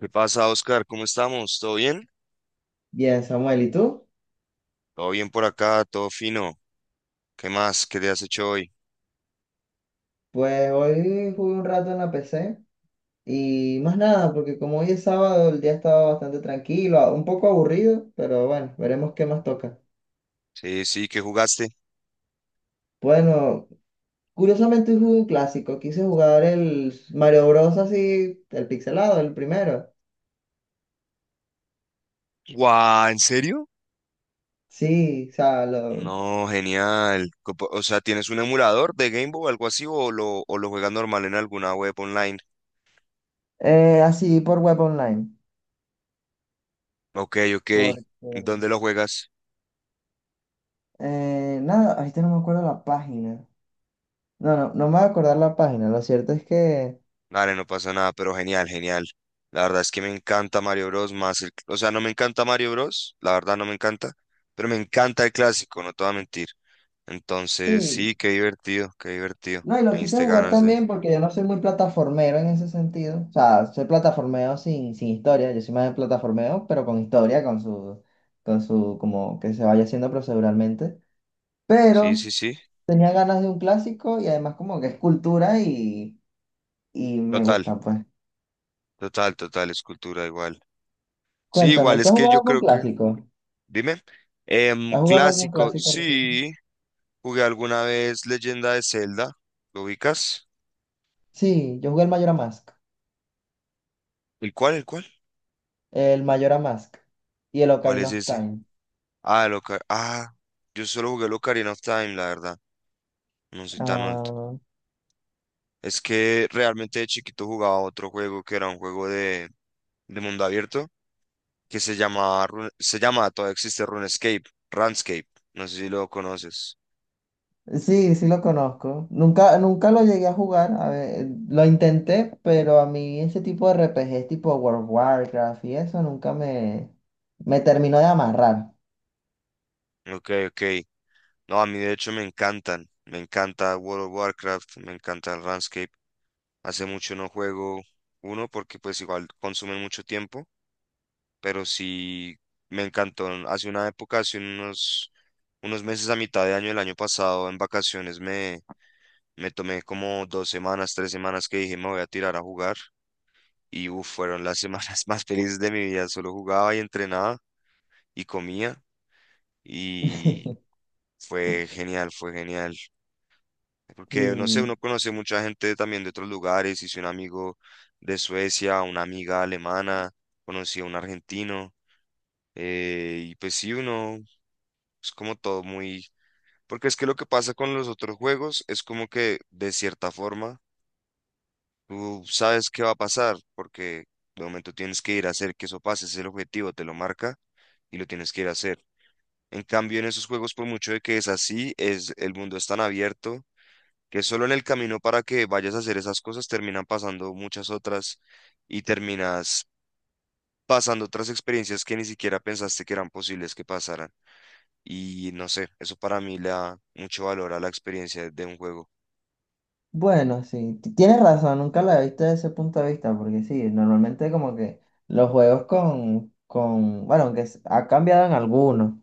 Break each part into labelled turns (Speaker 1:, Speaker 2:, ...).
Speaker 1: ¿Qué pasa, Oscar? ¿Cómo estamos? ¿Todo bien?
Speaker 2: Bien, Samuel, ¿y tú?
Speaker 1: Todo bien por acá, todo fino. ¿Qué más? ¿Qué te has hecho hoy?
Speaker 2: Pues hoy jugué un rato en la PC y más nada, porque como hoy es sábado, el día estaba bastante tranquilo, un poco aburrido, pero bueno, veremos qué más toca.
Speaker 1: Sí, sí, ¿qué jugaste?
Speaker 2: Bueno, curiosamente hoy jugué un clásico, quise jugar el Mario Bros. Así, el pixelado, el primero.
Speaker 1: ¡Guau! ¿En serio?
Speaker 2: Sí, o sea,
Speaker 1: No, genial. O sea, ¿tienes un emulador de Game Boy o algo así o lo juegas normal en alguna web online?
Speaker 2: así por web online.
Speaker 1: Ok, ok.
Speaker 2: Porque,
Speaker 1: ¿Dónde lo juegas?
Speaker 2: nada, ahorita no me acuerdo la página. No, no, no me voy a acordar la página, lo cierto es que...
Speaker 1: Dale, no pasa nada, pero genial, genial. La verdad es que me encanta Mario Bros. Más el. O sea, no me encanta Mario Bros. La verdad no me encanta, pero me encanta el clásico, no te voy a mentir. Entonces,
Speaker 2: Sí.
Speaker 1: sí, qué divertido, qué divertido.
Speaker 2: No, y
Speaker 1: Me
Speaker 2: lo quise
Speaker 1: diste
Speaker 2: jugar
Speaker 1: ganas de...
Speaker 2: también porque yo no soy muy plataformero en ese sentido. O sea, soy plataformeo sin historia. Yo soy más de plataformeo, pero con historia, con su, como que se vaya haciendo proceduralmente.
Speaker 1: Sí,
Speaker 2: Pero
Speaker 1: sí, sí.
Speaker 2: tenía ganas de un clásico y además como que es cultura y me
Speaker 1: Total,
Speaker 2: gusta, pues.
Speaker 1: total, total, escultura igual. Sí,
Speaker 2: Cuéntame,
Speaker 1: igual,
Speaker 2: ¿tú
Speaker 1: es
Speaker 2: has
Speaker 1: que
Speaker 2: jugado
Speaker 1: yo
Speaker 2: algún
Speaker 1: creo que...
Speaker 2: clásico?
Speaker 1: Dime.
Speaker 2: ¿Has jugado algún
Speaker 1: Clásico,
Speaker 2: clásico reciente?
Speaker 1: sí. Jugué alguna vez Leyenda de Zelda. ¿Lo ubicas?
Speaker 2: Sí, yo jugué el Majora's Mask,
Speaker 1: ¿El cuál, el cuál?
Speaker 2: el Majora's Mask y el
Speaker 1: ¿Cuál
Speaker 2: Ocarina
Speaker 1: es
Speaker 2: of
Speaker 1: ese?
Speaker 2: Time.
Speaker 1: Ah, yo solo jugué el Ocarina of Time, la verdad. No soy tan alto.
Speaker 2: Ah,
Speaker 1: Es que realmente de chiquito jugaba otro juego que era un juego de mundo abierto, que se llama, todavía existe RuneScape, RuneScape, no sé si lo conoces.
Speaker 2: sí, sí lo conozco. Nunca, nunca lo llegué a jugar. A ver, lo intenté, pero a mí ese tipo de RPG, tipo World of Warcraft y eso nunca me terminó de amarrar.
Speaker 1: Ok, ok. No, a mí de hecho me encantan, me encanta World of Warcraft, me encanta el RuneScape. Hace mucho no juego uno porque pues igual consumen mucho tiempo, pero sí me encantó. Hace una época, hace unos meses a mitad de año del año pasado, en vacaciones me tomé como dos semanas, tres semanas que dije me voy a tirar a jugar. Y uf, fueron las semanas más felices de mi vida. Solo jugaba y entrenaba y comía y fue genial, fue genial. Porque, no sé, uno
Speaker 2: Sí.
Speaker 1: conoce mucha gente también de otros lugares, hice un amigo de Suecia, una amiga alemana, conocí a un argentino, y pues sí, uno es como todo muy... Porque es que lo que pasa con los otros juegos es como que de cierta forma tú sabes qué va a pasar, porque de momento tienes que ir a hacer que eso pase, ese es el objetivo, te lo marca y lo tienes que ir a hacer. En cambio, en esos juegos, por mucho de que es así, es el mundo es tan abierto que solo en el camino para que vayas a hacer esas cosas terminan pasando muchas otras y terminas pasando otras experiencias que ni siquiera pensaste que eran posibles que pasaran. Y no sé, eso para mí le da mucho valor a la experiencia de un juego.
Speaker 2: Bueno, sí. Tienes razón, nunca la he visto desde ese punto de vista, porque sí, normalmente como que los juegos con, bueno, aunque ha cambiado en algunos,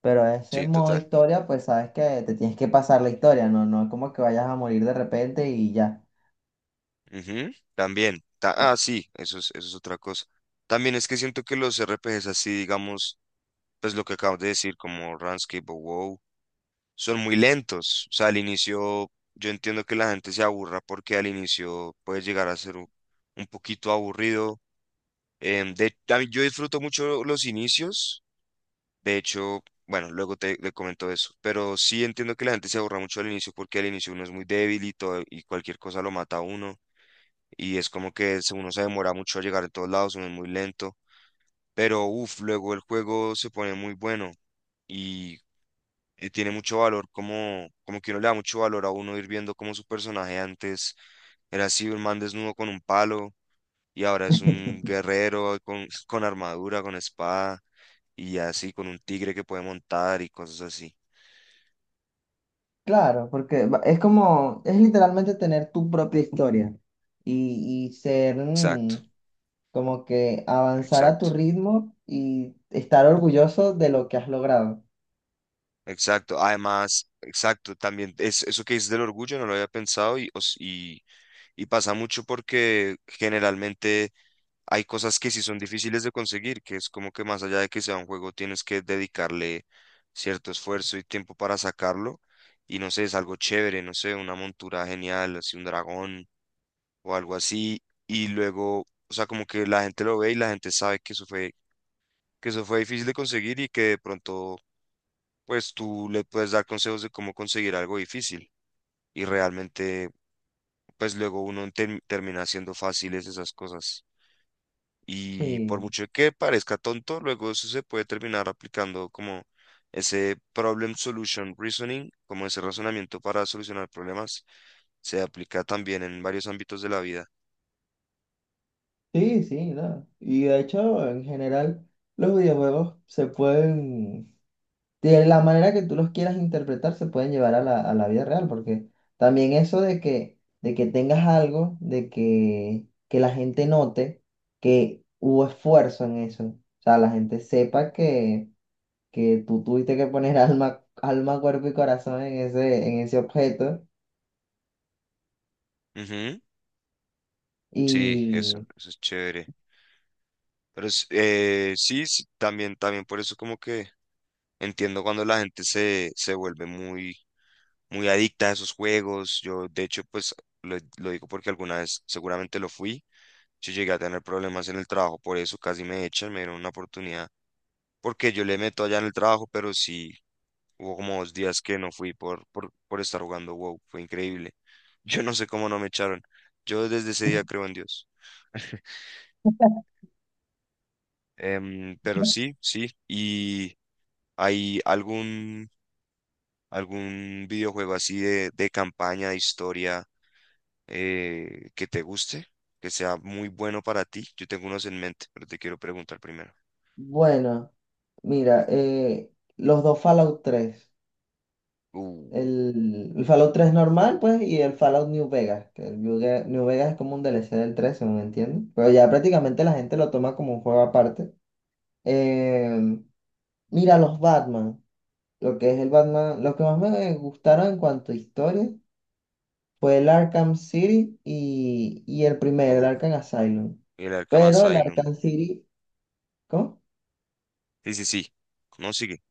Speaker 2: pero ese
Speaker 1: Sí,
Speaker 2: modo
Speaker 1: total.
Speaker 2: historia, pues sabes que te tienes que pasar la historia, no, no es como que vayas a morir de repente y ya.
Speaker 1: Ujú, también. Sí, eso es otra cosa. También es que siento que los RPGs así, digamos, pues lo que acabas de decir, como Runescape o WoW, son muy lentos. O sea, al inicio yo entiendo que la gente se aburra porque al inicio puede llegar a ser un poquito aburrido. Em, de, yo disfruto mucho los inicios. De hecho, bueno, luego te comento eso. Pero sí entiendo que la gente se aburra mucho al inicio porque al inicio uno es muy débil y todo, y cualquier cosa lo mata a uno. Y es como que uno se demora mucho a llegar a todos lados, uno es muy lento. Pero uff, luego el juego se pone muy bueno. Y tiene mucho valor, como, como que uno le da mucho valor a uno ir viendo cómo su personaje antes era así, un man desnudo con un palo, y ahora es un guerrero con, con armadura, con espada, y así, con un tigre que puede montar y cosas así.
Speaker 2: Claro, porque es como, es literalmente tener tu propia historia y ser
Speaker 1: Exacto,
Speaker 2: como que avanzar a tu
Speaker 1: exacto,
Speaker 2: ritmo y estar orgulloso de lo que has logrado.
Speaker 1: exacto. Además, exacto, también es, eso que dices del orgullo, no lo había pensado, y pasa mucho porque generalmente hay cosas que sí son difíciles de conseguir, que es como que más allá de que sea un juego, tienes que dedicarle cierto esfuerzo y tiempo para sacarlo. Y no sé, es algo chévere, no sé, una montura genial, así un dragón o algo así. Y luego, o sea, como que la gente lo ve y la gente sabe que eso fue difícil de conseguir y que de pronto, pues tú le puedes dar consejos de cómo conseguir algo difícil. Y realmente, pues luego termina haciendo fáciles esas cosas. Y por
Speaker 2: Sí,
Speaker 1: mucho que parezca tonto, luego eso se puede terminar aplicando como ese problem solution reasoning, como ese razonamiento para solucionar problemas, se aplica también en varios ámbitos de la vida.
Speaker 2: sí, sí, no. Y de hecho, en general, los videojuegos se pueden de la manera que tú los quieras interpretar se pueden llevar a la, vida real, porque también eso de que, tengas algo, que la gente note que hubo esfuerzo en eso, o sea, la gente sepa que tú tuviste que poner alma, cuerpo y corazón en ese objeto.
Speaker 1: Ujú, sí, eso,
Speaker 2: Y
Speaker 1: eso es chévere. Sí, sí, también, también por eso como que entiendo cuando se vuelve muy adicta a esos juegos. Yo, de hecho, pues lo digo porque alguna vez seguramente lo fui. Yo llegué a tener problemas en el trabajo, por eso casi me echan, me dieron una oportunidad, porque yo le meto allá en el trabajo, pero sí, hubo como dos días que no fui por estar jugando WoW, fue increíble. Yo no sé cómo no me echaron. Yo desde ese día creo en Dios. Pero sí, sí. ¿Y hay algún videojuego así de campaña, de historia, que te guste, que sea muy bueno para ti? Yo tengo unos en mente, pero te quiero preguntar primero.
Speaker 2: bueno, mira, los dos Fallout tres. El Fallout 3 normal, pues, y el Fallout New Vegas, que el New Vegas es como un DLC del 3 según entiendo. Pero ya prácticamente la gente lo toma como un juego aparte. Eh, mira, los Batman, lo que es el Batman, lo que más me gustaron en cuanto a historia fue el Arkham City y el primero, el
Speaker 1: Uh,
Speaker 2: Arkham Asylum.
Speaker 1: El Arkham
Speaker 2: Pero el
Speaker 1: Asylum.
Speaker 2: Arkham City, ¿cómo?
Speaker 1: Sí, sí, sí. No sigue.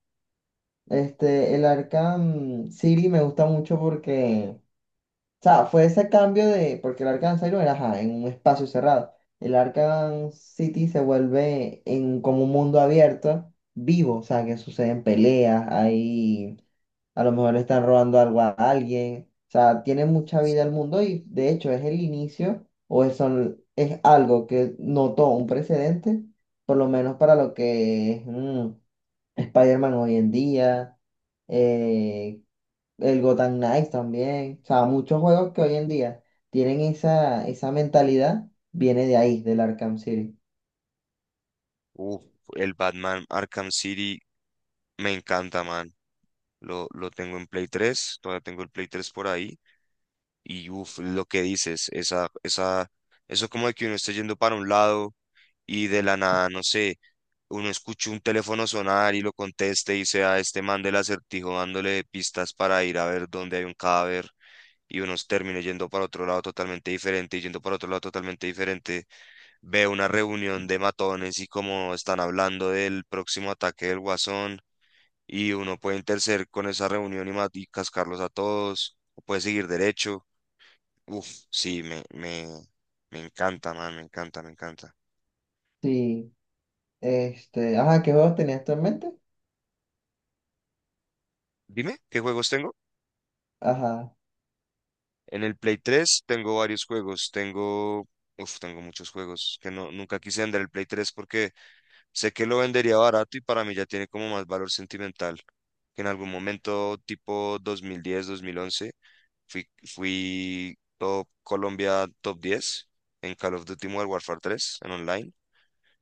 Speaker 2: Este, el Arkham City me gusta mucho porque, o sea, fue ese cambio de, porque el Arkham Asylum era ajá, en un espacio cerrado. El Arkham City se vuelve en como un mundo abierto, vivo, o sea, que suceden peleas, ahí a lo mejor le están robando algo a alguien, o sea, tiene mucha vida el mundo y de hecho es el inicio es algo que notó un precedente, por lo menos para lo que es Spider-Man hoy en día, eh, el Gotham Knights también. O sea, muchos juegos que hoy en día tienen esa mentalidad, viene de ahí, del Arkham City.
Speaker 1: Uh, el Batman Arkham City me encanta, man. Lo tengo en Play tres. Todavía tengo el Play tres por ahí. Y uff, lo que dices, esa, eso como de que uno esté yendo para un lado y de la nada, no sé, uno escucha un teléfono sonar y lo conteste y sea este man del acertijo dándole pistas para ir a ver dónde hay un cadáver y uno termine yendo para otro lado totalmente diferente y yendo para otro lado totalmente diferente. Veo una reunión de matones y como están hablando del próximo ataque del Guasón y uno puede interceder con esa reunión y y cascarlos a todos, o puede seguir derecho. Uf, sí, me encanta, man, me encanta, me encanta.
Speaker 2: Sí, este, ajá, ¿qué juegos tenías tú en mente?
Speaker 1: Dime, ¿qué juegos tengo?
Speaker 2: Ajá,
Speaker 1: En el Play tres tengo varios juegos, tengo, uf, tengo muchos juegos que no, nunca quise vender el Play tres porque sé que lo vendería barato y para mí ya tiene como más valor sentimental que en algún momento tipo dos dos mil diez, 2011. Fui, fui top Colombia top 10 en Call of Duty Modern Warfare 3, en online.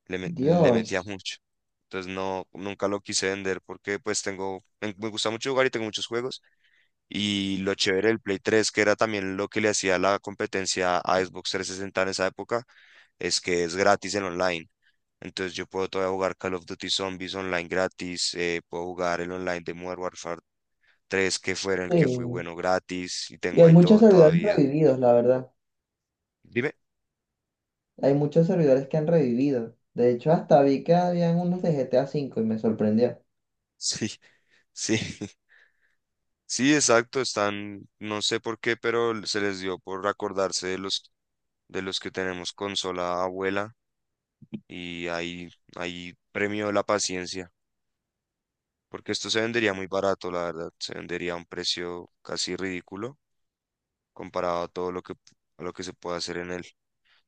Speaker 1: Le metía
Speaker 2: Dios.
Speaker 1: mucho. Entonces no, nunca lo quise vender porque pues tengo, me gusta mucho jugar y tengo muchos juegos. Y lo chévere del Play 3, que era también lo que le hacía la competencia a Xbox 360 en esa época, es que es gratis en online. Entonces yo puedo todavía jugar Call of Duty Zombies online gratis, puedo jugar el online de Modern Warfare 3, que fue en el que fui
Speaker 2: Sí.
Speaker 1: bueno gratis, y
Speaker 2: Y
Speaker 1: tengo
Speaker 2: hay
Speaker 1: ahí
Speaker 2: muchos
Speaker 1: todo
Speaker 2: servidores
Speaker 1: todavía.
Speaker 2: revividos, la verdad.
Speaker 1: Dime.
Speaker 2: Hay muchos servidores que han revivido. De hecho, hasta vi que habían unos de GTA V y me sorprendió.
Speaker 1: Sí, sí, sí, exacto, están, no sé por qué, pero se les dio por acordarse de los que tenemos consola abuela y ahí, ahí premio la paciencia, porque esto se vendería muy barato, la verdad, se vendería a un precio casi ridículo comparado a todo lo que, a lo que se puede hacer en él.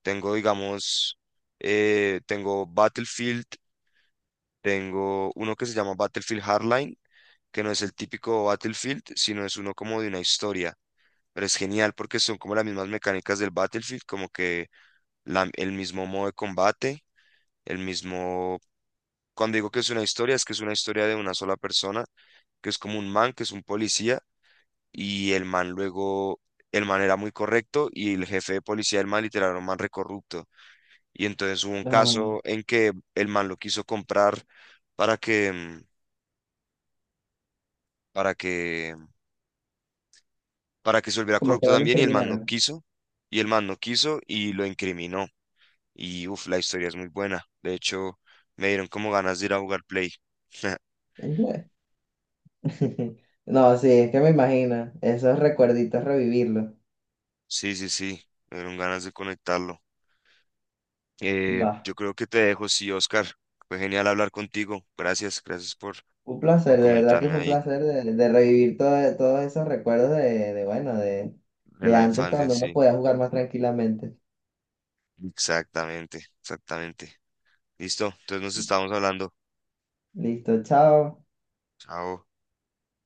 Speaker 1: Tengo, digamos, tengo Battlefield, tengo uno que se llama Battlefield Hardline, que no es el típico Battlefield, sino es uno como de una historia. Pero es genial porque son como las mismas mecánicas del Battlefield, como que el mismo modo de combate, el mismo... Cuando digo que es una historia, es que es una historia de una sola persona, que es como un man, que es un policía, y el man luego, el man era muy correcto y el jefe de policía del man literal era un man recorrupto. Y entonces hubo un
Speaker 2: Ah,
Speaker 1: caso en que el man lo quiso comprar para que, mm, para que, para que se volviera
Speaker 2: como que
Speaker 1: corrupto
Speaker 2: no lo
Speaker 1: también y el man no
Speaker 2: incriminaron.
Speaker 1: quiso, y el man no quiso y lo incriminó. Y uff, la historia es muy buena. De hecho, me dieron como ganas de ir a jugar Play.
Speaker 2: No, sí, es que me imagino. Esos recuerditos revivirlos.
Speaker 1: Sí, sí, sí, me dieron ganas de conectarlo.
Speaker 2: Va.
Speaker 1: Yo creo que te dejo, sí, Oscar. Fue genial hablar contigo. Gracias, gracias
Speaker 2: Un
Speaker 1: por
Speaker 2: placer, de verdad que
Speaker 1: comentarme
Speaker 2: fue un
Speaker 1: ahí
Speaker 2: placer de revivir todos esos recuerdos de, bueno, de,
Speaker 1: de
Speaker 2: de
Speaker 1: la
Speaker 2: antes
Speaker 1: infancia,
Speaker 2: cuando uno
Speaker 1: sí.
Speaker 2: podía jugar más tranquilamente.
Speaker 1: Exactamente, exactamente. Listo, entonces nos estamos hablando.
Speaker 2: Listo, chao.
Speaker 1: Chao.